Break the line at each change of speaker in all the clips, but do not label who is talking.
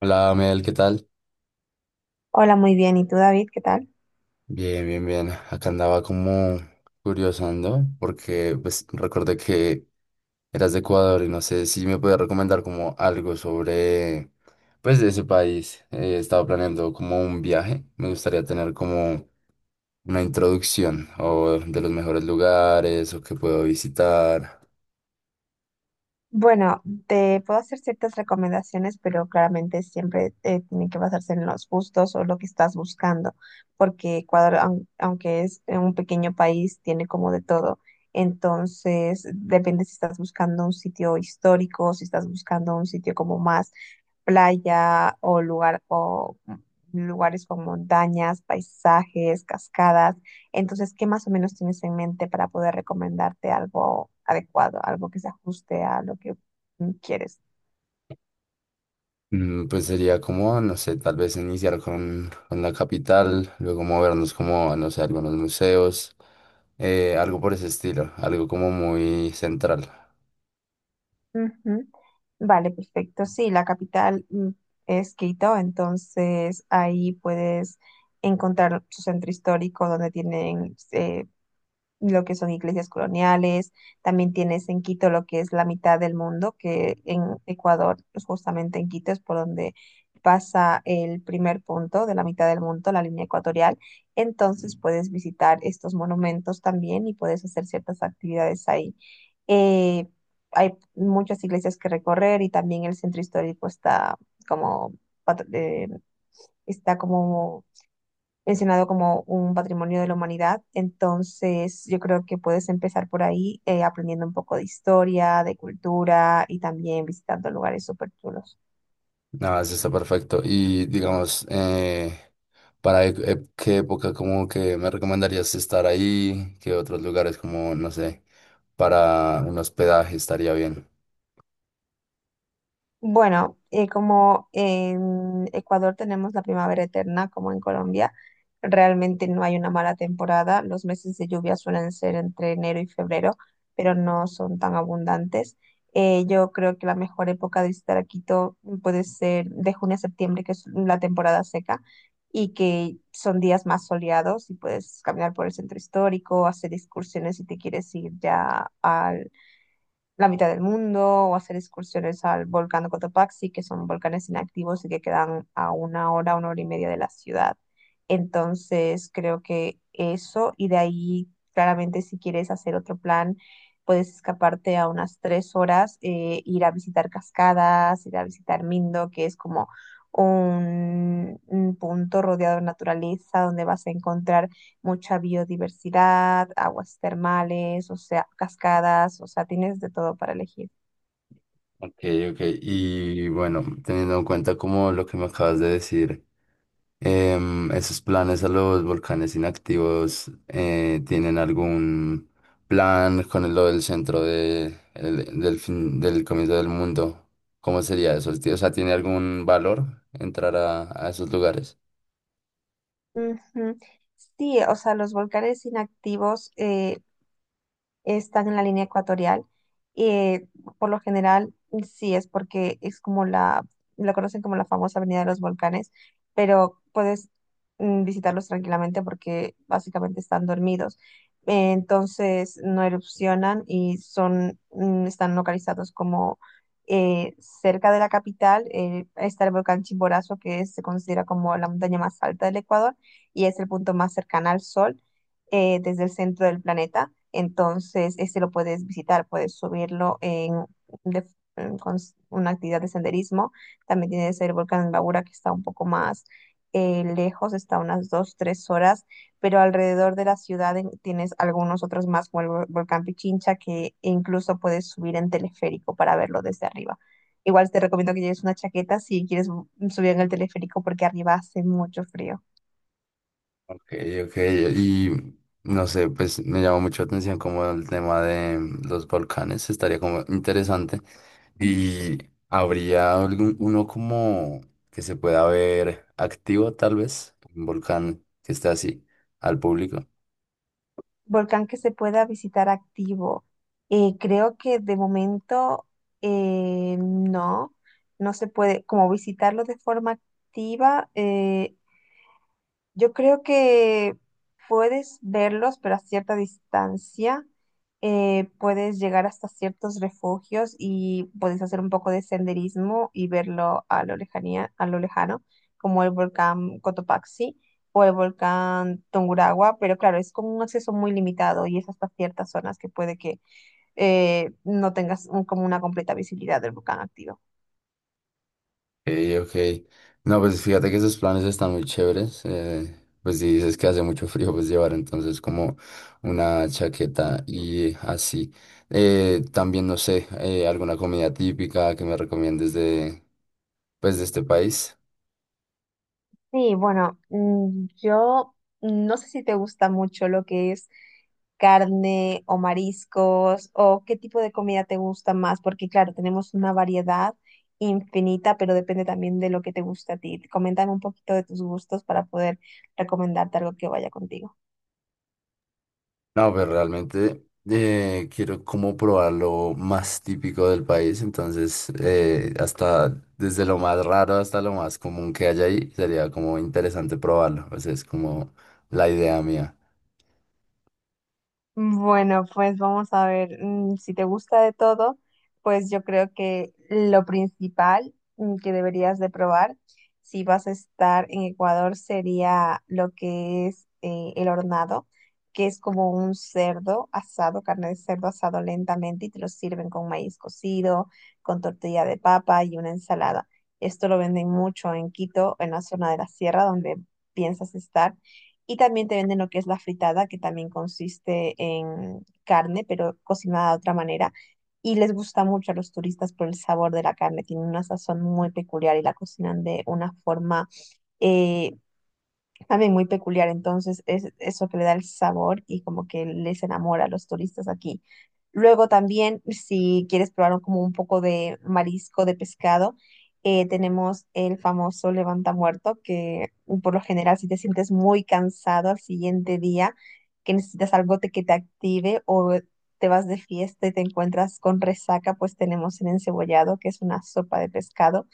Hola, Mel, ¿qué tal?
Hola, muy bien. ¿Y tú, David? ¿Qué tal?
Bien, bien, bien. Acá andaba como curiosando porque pues recordé que eras de Ecuador y no sé si me puedes recomendar como algo sobre pues de ese país. Estaba planeando como un viaje. Me gustaría tener como una introducción o de los mejores lugares o que puedo visitar.
Bueno, te puedo hacer ciertas recomendaciones, pero claramente siempre tiene que basarse en los gustos o lo que estás buscando, porque Ecuador, aunque es un pequeño país, tiene como de todo. Entonces, depende si estás buscando un sitio histórico, si estás buscando un sitio como más playa o lugares con montañas, paisajes, cascadas. Entonces, ¿qué más o menos tienes en mente para poder recomendarte algo adecuado, algo que se ajuste a lo que quieres?
Pues sería como, no sé, tal vez iniciar con la capital, luego movernos como, no sé, algunos museos, algo por ese estilo, algo como muy central.
Ujú. Vale, perfecto. Sí, la capital es Quito, entonces ahí puedes encontrar su centro histórico donde tienen lo que son iglesias coloniales. También tienes en Quito lo que es la mitad del mundo, que en Ecuador, pues, justamente en Quito es por donde pasa el primer punto de la mitad del mundo, la línea ecuatorial. Entonces puedes visitar estos monumentos también y puedes hacer ciertas actividades ahí. Eh, hay muchas iglesias que recorrer, y también el centro histórico está como... pat- eh, está como mencionado como un patrimonio de la humanidad. Entonces, yo creo que puedes empezar por ahí aprendiendo un poco de historia, de cultura, y también visitando lugares súper chulos.
Nada, eso está perfecto. Y digamos, ¿para qué época como que me recomendarías estar ahí? ¿Qué otros lugares como, no sé, para un hospedaje estaría bien?
Bueno, como en Ecuador tenemos la primavera eterna, como en Colombia, realmente no hay una mala temporada. Los meses de lluvia suelen ser entre enero y febrero, pero no son tan abundantes. Yo creo que la mejor época de visitar a Quito puede ser de junio a septiembre, que es la temporada seca, y que son días más soleados, y puedes caminar por el centro histórico, hacer excursiones si te quieres ir ya la mitad del mundo, o hacer excursiones al volcán de Cotopaxi, que son volcanes inactivos y que quedan a una hora y media de la ciudad. Entonces, creo que eso, y de ahí, claramente, si quieres hacer otro plan, puedes escaparte a unas tres horas, ir a visitar cascadas, ir a visitar Mindo, que es como un punto rodeado de naturaleza donde vas a encontrar mucha biodiversidad, aguas termales, o sea, cascadas, o sea, tienes de todo para elegir.
Ok, ok. Y bueno, teniendo en cuenta como lo que me acabas de decir. ¿Esos planes a los volcanes inactivos tienen algún plan con lo del centro de, del fin, del comienzo del mundo? ¿Cómo sería eso? O sea, ¿tiene algún valor entrar a esos lugares?
Ujú. Sí, o sea, los volcanes inactivos, están en la línea ecuatorial. eh, por lo general, sí es porque es como la conocen como la famosa Avenida de los Volcanes, pero puedes visitarlos tranquilamente porque básicamente están dormidos. Entonces no erupcionan, y son, están localizados como eh, cerca de la capital. Está el volcán Chimborazo, que se considera como la montaña más alta del Ecuador y es el punto más cercano al Sol desde el centro del planeta. Entonces, este lo puedes visitar, puedes subirlo en, de- en- con s- una actividad de senderismo. También tienes el volcán Babura, que está un poco más lejos, está unas dos, tres horas, pero alrededor de la ciudad tienes algunos otros más, como el volcán Pichincha, que incluso puedes subir en teleférico para verlo desde arriba. Igual te recomiendo que lleves una chaqueta si quieres subir en el teleférico, porque arriba hace mucho frío.
Ok, ok, y no sé, pues me llamó mucho la atención como el tema de los volcanes, estaría como interesante. Y habría algún, uno como que se pueda ver activo, tal vez, un volcán que esté así al público.
Volcán que se pueda visitar activo. Creo que de momento no, no se puede como visitarlo de forma activa. Yo creo que puedes verlos, pero a cierta distancia. Puedes llegar hasta ciertos refugios y puedes hacer un poco de senderismo y verlo a lo lejanía, a lo lejano, como el volcán Cotopaxi o el volcán Tungurahua, pero claro, es como un acceso muy limitado y es hasta ciertas zonas que puede que no tengas como una completa visibilidad del volcán activo.
Ok, ok. No, pues fíjate que esos planes están muy chéveres. Eh, pues si dices que hace mucho frío, pues llevar entonces como una chaqueta y así. También, no sé, alguna comida típica que me recomiendes de, pues, de este país.
Sí, bueno, yo no sé si te gusta mucho lo que es carne o mariscos, o qué tipo de comida te gusta más, porque claro, tenemos una variedad infinita, pero depende también de lo que te gusta a ti. Coméntame un poquito de tus gustos para poder recomendarte algo que vaya contigo.
No, pero realmente quiero como probar lo más típico del país, entonces hasta desde lo más raro hasta lo más común que haya ahí, sería como interesante probarlo, o sea, es como la idea mía.
Bueno, pues vamos a ver, si te gusta de todo, pues yo creo que lo principal que deberías de probar si vas a estar en Ecuador sería lo que es el hornado, que es como un cerdo asado, carne de cerdo asado lentamente, y te lo sirven con maíz cocido, con tortilla de papa y una ensalada. Esto lo venden mucho en Quito, en la zona de la sierra donde piensas estar. Y también te venden lo que es la fritada, que también consiste en carne, pero cocinada de otra manera. Y les gusta mucho a los turistas por el sabor de la carne. Tiene una sazón muy peculiar y la cocinan de una forma eh, también muy peculiar. Entonces es eso que le da el sabor y como que les enamora a los turistas aquí. Luego también, si quieres probar como un poco de marisco, de pescado, tenemos el famoso levanta muerto, que por lo general, si te sientes muy cansado al siguiente día, que necesitas algo que te active, o te vas de fiesta y te encuentras con resaca, pues tenemos el encebollado, que es una sopa de pescado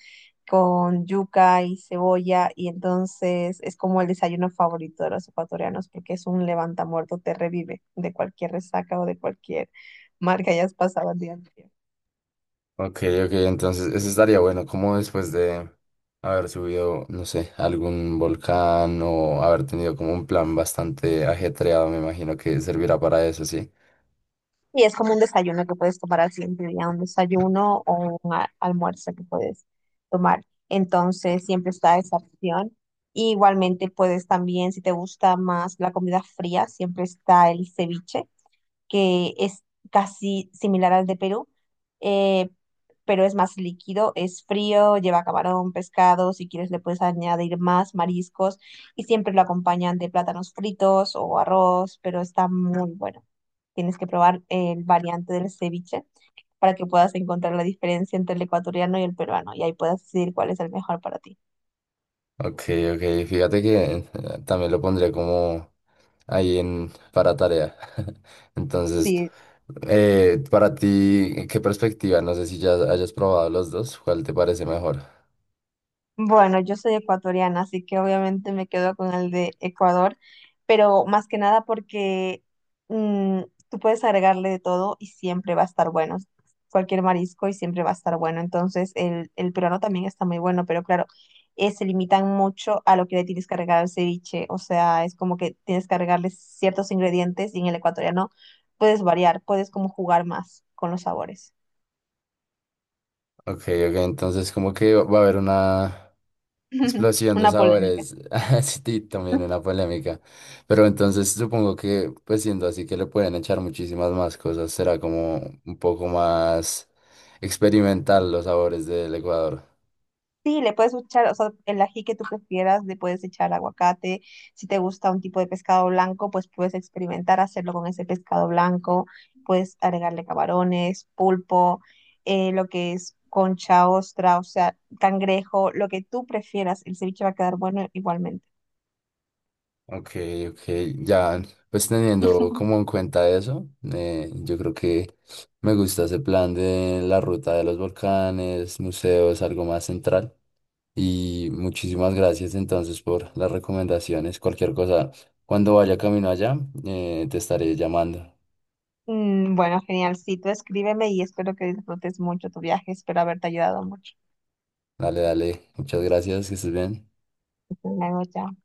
con yuca y cebolla, y entonces es como el desayuno favorito de los ecuatorianos, porque es un levantamuerto, te revive de cualquier resaca o de cualquier mar que hayas pasado el día anterior.
Ok, ok, entonces eso estaría bueno, como después de haber subido, no sé, algún volcán o haber tenido como un plan bastante ajetreado, me imagino que servirá para eso, sí.
Y es como un desayuno que puedes tomar al siguiente día, un desayuno o un almuerzo que puedes tomar. Entonces siempre está esa opción. Y igualmente puedes también, si te gusta más la comida fría, siempre está el ceviche, que es casi similar al de Perú, eh, pero es más líquido, es frío, lleva camarón, pescado; si quieres le puedes añadir más mariscos, y siempre lo acompañan de plátanos fritos o arroz, pero está muy bueno. Tienes que probar el variante del ceviche para que puedas encontrar la diferencia entre el ecuatoriano y el peruano, y ahí puedas decidir cuál es el mejor para ti.
Ok, ok, fíjate que también lo pondría como ahí en, para tarea. Entonces,
Sí.
para ti, ¿qué perspectiva? No sé si ya hayas probado los dos, ¿cuál te parece mejor?
Bueno, yo soy ecuatoriana, así que obviamente me quedo con el de Ecuador, pero más que nada porque mm, tú puedes agregarle de todo y siempre va a estar bueno, cualquier marisco y siempre va a estar bueno. Entonces, el peruano también está muy bueno, pero claro, se limitan mucho a lo que le tienes que agregar al ceviche, o sea, es como que tienes que agregarle ciertos ingredientes, y en el ecuatoriano puedes variar, puedes como jugar más con los sabores.
Ok, ok, entonces como que va a haber una explosión de
Una polémica.
sabores, sí, también una polémica, pero entonces supongo que pues siendo así que le pueden echar muchísimas más cosas, será como un poco más experimental los sabores del Ecuador.
Sí, le puedes echar, o sea, el ají que tú prefieras, le puedes echar aguacate. Si te gusta un tipo de pescado blanco, pues puedes experimentar hacerlo con ese pescado blanco. Puedes agregarle camarones, pulpo, lo que es concha, ostra, o sea, cangrejo, lo que tú prefieras. El ceviche va a quedar bueno igualmente.
Ok, ok, ya, pues teniendo como en cuenta eso, yo creo que me gusta ese plan de la ruta de los volcanes, museos, algo más central. Y muchísimas gracias entonces por las recomendaciones. Cualquier cosa, cuando vaya camino allá, te estaré llamando.
Mm, bueno, genial. Sí, tú escríbeme y espero que disfrutes mucho tu viaje. Espero haberte ayudado mucho.
Dale, dale, muchas gracias, que estés bien.
Hasta luego, chao.